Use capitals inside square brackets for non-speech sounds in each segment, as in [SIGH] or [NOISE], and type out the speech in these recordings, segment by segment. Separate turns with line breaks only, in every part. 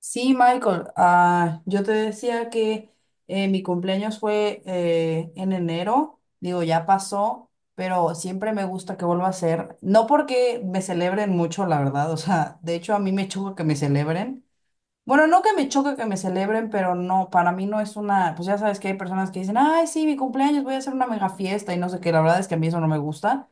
Sí, Michael, yo te decía que mi cumpleaños fue en enero, digo, ya pasó, pero siempre me gusta que vuelva a ser, no porque me celebren mucho, la verdad, o sea, de hecho a mí me choca que me celebren, bueno, no que me choque que me celebren, pero no, para mí no es una, pues ya sabes que hay personas que dicen, ay, sí, mi cumpleaños, voy a hacer una mega fiesta y no sé qué, la verdad es que a mí eso no me gusta,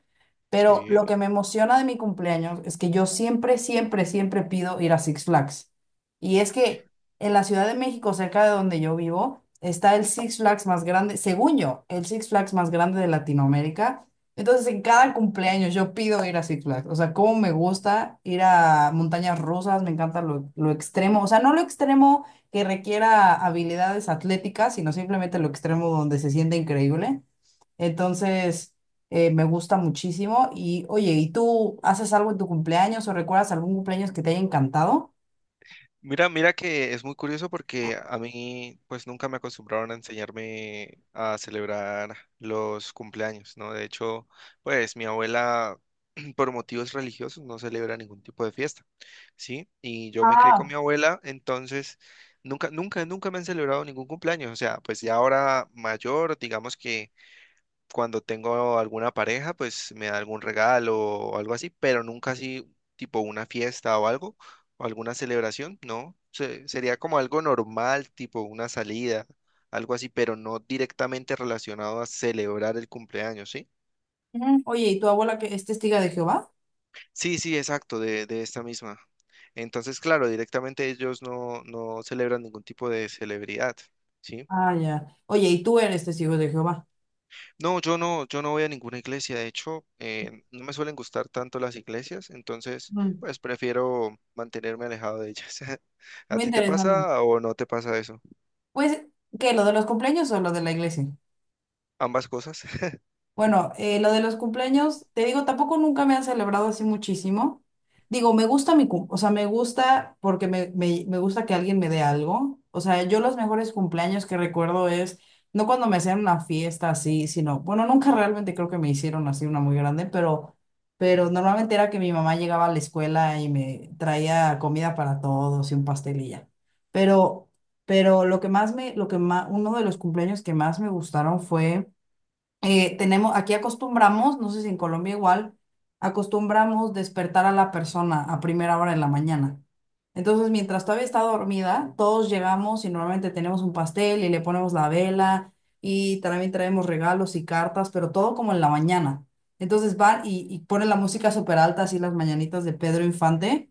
pero lo
Sí.
que me emociona de mi cumpleaños es que yo siempre, siempre, siempre pido ir a Six Flags. Y es que en la Ciudad de México, cerca de donde yo vivo, está el Six Flags más grande, según yo, el Six Flags más grande de Latinoamérica. Entonces, en cada cumpleaños yo pido ir a Six Flags. O sea, cómo me gusta ir a montañas rusas, me encanta lo extremo. O sea, no lo extremo que requiera habilidades atléticas, sino simplemente lo extremo donde se siente increíble. Entonces, Me gusta muchísimo. Y oye, ¿y tú haces algo en tu cumpleaños o recuerdas algún cumpleaños que te haya encantado?
Mira que es muy curioso porque a mí pues nunca me acostumbraron a enseñarme a celebrar los cumpleaños, ¿no? De hecho, pues mi abuela [CLEARS THROAT] por motivos religiosos no celebra ningún tipo de fiesta, ¿sí? Y yo me crié con mi
Ah,
abuela, entonces nunca, nunca, nunca me han celebrado ningún cumpleaños. O sea, pues ya ahora mayor, digamos que cuando tengo alguna pareja, pues me da algún regalo o algo así, pero nunca así tipo una fiesta o algo, o alguna celebración, no. Sería como algo normal, tipo una salida, algo así, pero no directamente relacionado a celebrar el cumpleaños, ¿sí?
ujú. Oye, ¿y tu abuela que es testiga de Jehová?
Sí, sí, exacto, de esta misma. Entonces, claro, directamente ellos no celebran ningún tipo de celebridad, ¿sí?
Ah, ya. Oye, ¿y tú eres testigo de Jehová?
No, yo no, yo no voy a ninguna iglesia. De hecho, no me suelen gustar tanto las iglesias, entonces,
Mm,
pues prefiero mantenerme alejado de ellas. [LAUGHS] ¿A
muy
ti te
interesante.
pasa o no te pasa eso?
Pues, ¿qué? ¿Lo de los cumpleaños o lo de la iglesia?
Ambas cosas.
Bueno, lo de los cumpleaños, te digo, tampoco nunca me han celebrado así muchísimo. Digo, me gusta mi cum, o sea, me gusta porque me gusta que alguien me dé algo. O sea, yo los mejores cumpleaños que recuerdo es, no cuando me hacían una fiesta así, sino, bueno, nunca realmente creo que me hicieron así una muy grande, pero normalmente era que mi mamá llegaba a la escuela y me traía comida para todos y un pastelilla. Pero, pero lo que más me, lo que más, uno de los cumpleaños que más me gustaron fue tenemos, aquí acostumbramos, no sé si en Colombia igual, acostumbramos despertar a la persona a primera hora de la mañana. Entonces, mientras todavía está dormida, todos llegamos y normalmente tenemos un pastel y le ponemos la vela y también traemos regalos y cartas, pero todo como en la mañana. Entonces van y ponen la música súper alta, así las mañanitas de Pedro Infante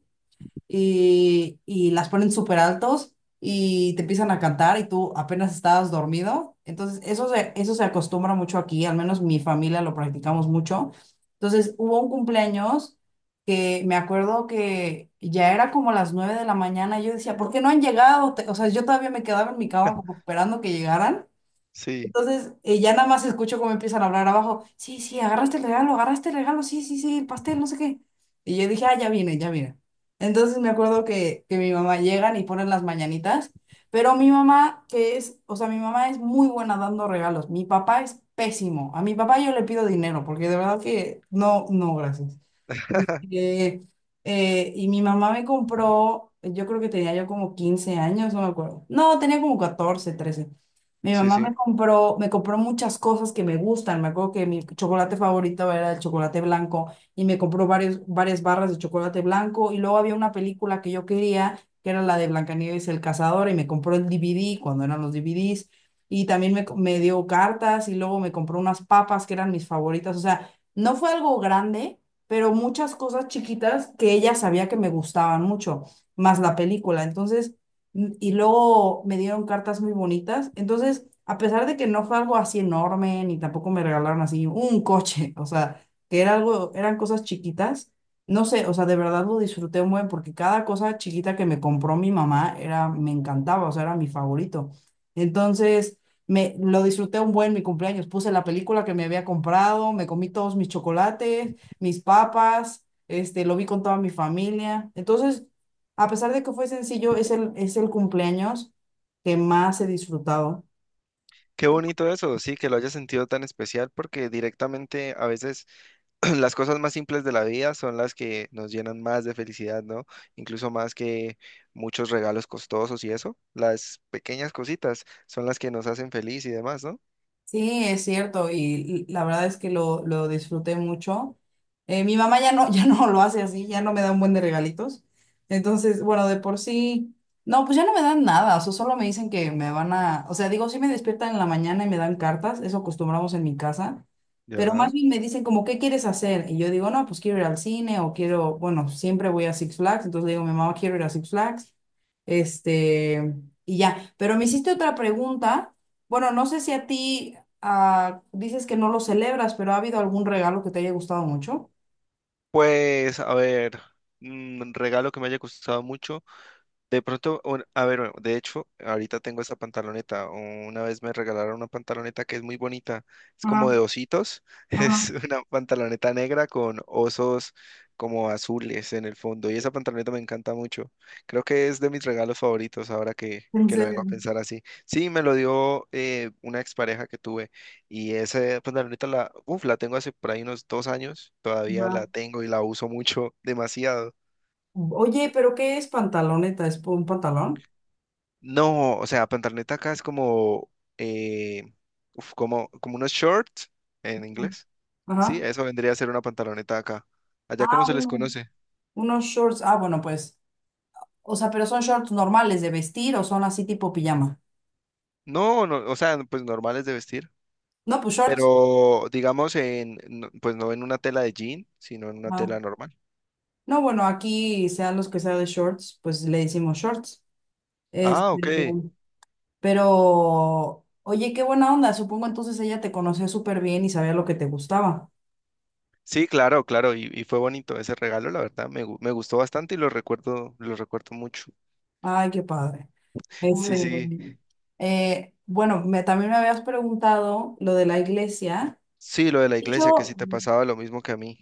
y las ponen súper altos y te empiezan a cantar y tú apenas estabas dormido. Entonces, eso se acostumbra mucho aquí, al menos mi familia lo practicamos mucho. Entonces, hubo un cumpleaños que me acuerdo que ya era como las 9 de la mañana y yo decía, ¿por qué no han llegado? O sea, yo todavía me quedaba en mi cama
[LAUGHS]
como esperando que llegaran.
Sí,
Ya nada más escucho cómo empiezan a hablar abajo. Sí, sí, agarraste el regalo, sí, sí, sí, el pastel, no sé qué. Y yo dije, ah, ya viene, ya viene. Entonces me acuerdo que mi mamá llegan y ponen las mañanitas, pero mi mamá, que es, o sea, mi mamá es muy buena dando regalos. Mi papá es pésimo. A mi papá yo le pido dinero, porque de verdad que no, no, gracias.
[LAUGHS]
Eh, y mi mamá me compró, yo creo que tenía yo como 15 años, no me acuerdo. No, tenía como 14 13. Mi
sí,
mamá
sí.
me compró muchas cosas que me gustan. Me acuerdo que mi chocolate favorito era el chocolate blanco y me compró varias barras de chocolate blanco. Y luego había una película que yo quería, que era la de Blancanieves y el Cazador, y me compró el DVD cuando eran los DVDs. Y también me dio cartas y luego me compró unas papas que eran mis favoritas. O sea, no fue algo grande, pero muchas cosas chiquitas que ella sabía que me gustaban mucho, más la película. Y luego me dieron cartas muy bonitas. Entonces, a pesar de que no fue algo así enorme, ni tampoco me regalaron así un coche, [LAUGHS] o sea, que era algo, eran cosas chiquitas, no sé, o sea, de verdad lo disfruté muy bien porque cada cosa chiquita que me compró mi mamá era, me encantaba, o sea, era mi favorito. Entonces, me lo disfruté un buen mi cumpleaños. Puse la película que me había comprado, me comí todos mis chocolates, mis papas, este, lo vi con toda mi familia. Entonces, a pesar de que fue sencillo, es el cumpleaños que más he disfrutado.
Qué bonito eso, sí, que lo hayas sentido tan especial, porque directamente a veces [CLEARS THROAT] las cosas más simples de la vida son las que nos llenan más de felicidad, ¿no? Incluso más que muchos regalos costosos y eso. Las pequeñas cositas son las que nos hacen feliz y demás, ¿no?
Sí, es cierto, y la verdad es que lo disfruté mucho. Mi mamá ya no, [LAUGHS] ya no lo hace así, ya no me da un buen de regalitos. Entonces, bueno, de por sí, no, pues ya no me dan nada, o sea, solo me dicen que me van a, o sea, digo, sí me despiertan en la mañana y me dan cartas, eso acostumbramos en mi casa, pero más
Ya.
bien me dicen como, ¿qué quieres hacer? Y yo digo, no, pues quiero ir al cine o quiero, bueno, siempre voy a Six Flags, entonces le digo, mi mamá, quiero ir a Six Flags, este, y ya, pero me hiciste otra pregunta. Bueno, no sé si a ti ah, dices que no lo celebras, pero ¿ha habido algún regalo que te haya gustado mucho?
Pues, a ver, un regalo que me haya gustado mucho. De pronto, a ver, de hecho, ahorita tengo esta pantaloneta. Una vez me regalaron una pantaloneta que es muy bonita. Es como
Ajá,
de ositos.
ajá.
[LAUGHS] Es una pantaloneta negra con osos como azules en el fondo. Y esa pantaloneta me encanta mucho. Creo que es de mis regalos favoritos ahora que,
En
que lo vengo
serio.
a pensar así. Sí, me lo dio una expareja que tuve. Y esa pantaloneta la, uf, la tengo hace por ahí unos 2 años. Todavía
Ajá.
la tengo y la uso mucho, demasiado.
Oye, ¿pero qué es pantaloneta? ¿Es un pantalón?
No, o sea, pantaloneta acá es como, eh, uf, como, como unos shorts en inglés. Sí,
Ajá.
eso vendría a ser una pantaloneta acá. Allá cómo
Ah,
se les
uno-
conoce.
Unos shorts. Ah, bueno, pues. O sea, pero son shorts normales de vestir o son así tipo pijama.
No, no, o sea, pues normales de vestir,
No, pues shorts.
pero digamos en, pues no en una tela de jean, sino en una tela
Ajá.
normal.
No, bueno, aquí sean los que sean de shorts, pues le decimos shorts. Este,
Ah, ok.
pero, oye, qué buena onda. Supongo entonces ella te conocía súper bien y sabía lo que te gustaba.
Sí, claro, claro, y fue bonito ese regalo, la verdad, me gustó bastante y lo recuerdo mucho.
Ay, qué padre.
Sí,
Este,
sí,
También me habías preguntado lo de la iglesia.
sí, lo de la iglesia, que
Yo
sí te pasaba lo mismo que a mí.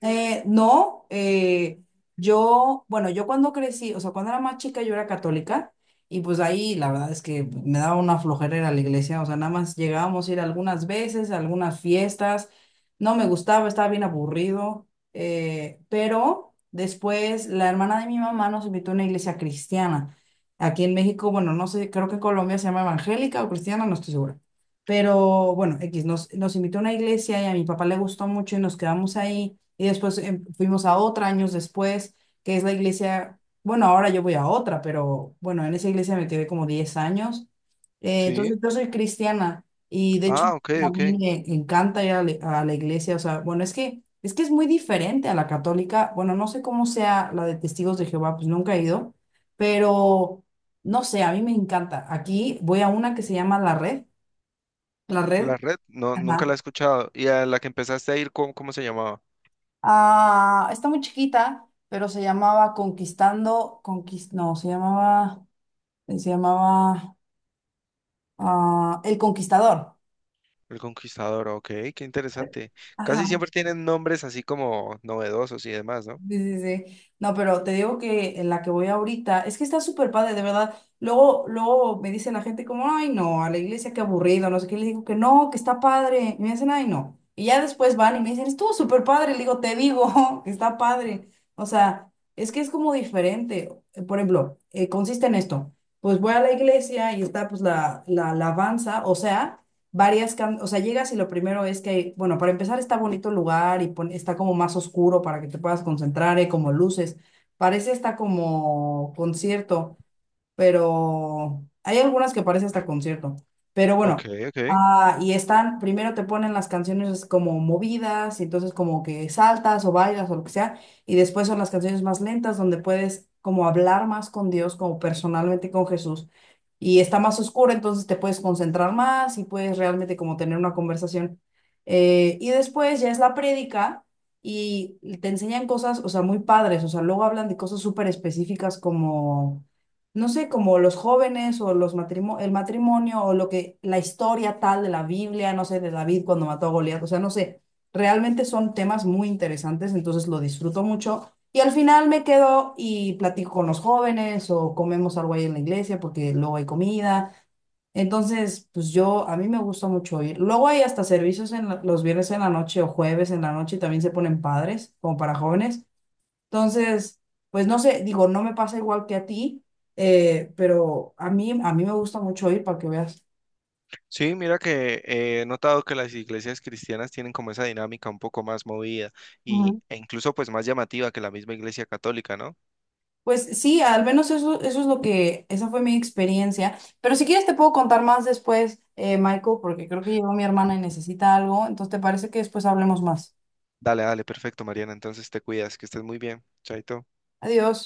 no, yo, Bueno, yo cuando crecí, o sea, cuando era más chica yo era católica y pues ahí la verdad es que me daba una flojera ir a la iglesia, o sea, nada más llegábamos a ir algunas veces, a algunas fiestas, no me gustaba, estaba bien aburrido, pero después la hermana de mi mamá nos invitó a una iglesia cristiana. Aquí en México, bueno, no sé, creo que en Colombia se llama evangélica o cristiana, no estoy segura. Pero bueno, X nos invitó a una iglesia y a mi papá le gustó mucho y nos quedamos ahí. Y después fuimos a otra años después, que es la iglesia, bueno, ahora yo voy a otra, pero bueno, en esa iglesia me quedé como 10 años.
Sí.
Entonces yo soy cristiana y de hecho
Ah, ok,
a
ok.
mí me encanta ir a la iglesia, o sea, bueno, es que, es que es muy diferente a la católica, bueno, no sé cómo sea la de Testigos de Jehová, pues nunca he ido, pero no sé, a mí me encanta. Aquí voy a una que se llama La Red, La Red,
La red, no, nunca la he
ajá.
escuchado. Y a la que empezaste a ir, ¿cómo, cómo se llamaba?
Ah, está muy chiquita, pero se llamaba Conquistando, Conquist, no, se llamaba, se llamaba El Conquistador.
El Conquistador, ok, qué interesante. Casi
Ajá.
siempre tienen nombres así como novedosos y demás, ¿no?
Sí, sí, sí. No, pero te digo que en la que voy ahorita es que está súper padre, de verdad. Luego, luego me dice la gente como, ay, no, a la iglesia qué aburrido, no sé qué. Le digo que no, que está padre. Y me dicen, ay, no. Y ya después van y me dicen, estuvo súper padre. Le digo, te digo [LAUGHS] que está padre. O sea, es que es como diferente. Por ejemplo, consiste en esto. Pues voy a la iglesia y está pues la alabanza, o sea varias, o sea, llegas y lo primero es que, bueno, para empezar está bonito el lugar y está como más oscuro para que te puedas concentrar, y como luces. Parece está como concierto, pero hay algunas que parece hasta concierto. Pero
Ok,
bueno,
ok.
y están, primero te ponen las canciones como movidas, y entonces como que saltas o bailas o lo que sea, y después son las canciones más lentas donde puedes como hablar más con Dios, como personalmente con Jesús. Y está más oscura, entonces te puedes concentrar más y puedes realmente como tener una conversación. Y después ya es la prédica y te enseñan cosas, o sea, muy padres, o sea, luego hablan de cosas súper específicas como no sé, como los jóvenes o el matrimonio o lo que, la historia tal de la Biblia, no sé, de David cuando mató a Goliat, o sea, no sé, realmente son temas muy interesantes, entonces lo disfruto mucho. Y al final me quedo y platico con los jóvenes o comemos algo ahí en la iglesia porque luego hay comida. Entonces, pues yo, a mí me gusta mucho ir. Luego hay hasta servicios en los viernes en la noche o jueves en la noche, también se ponen padres, como para jóvenes. Entonces, pues no sé, digo, no me pasa igual que a ti, pero a mí me gusta mucho ir para que veas.
Sí, mira que he notado que las iglesias cristianas tienen como esa dinámica un poco más movida y,
Ujú.
e incluso pues más llamativa que la misma iglesia católica, ¿no?
Pues sí, al menos eso, eso es lo que, esa fue mi experiencia. Pero si quieres te puedo contar más después, Michael, porque creo que llegó mi hermana y necesita algo. Entonces, ¿te parece que después hablemos más?
Dale, dale, perfecto, Mariana. Entonces te cuidas, que estés muy bien. Chaito.
Adiós.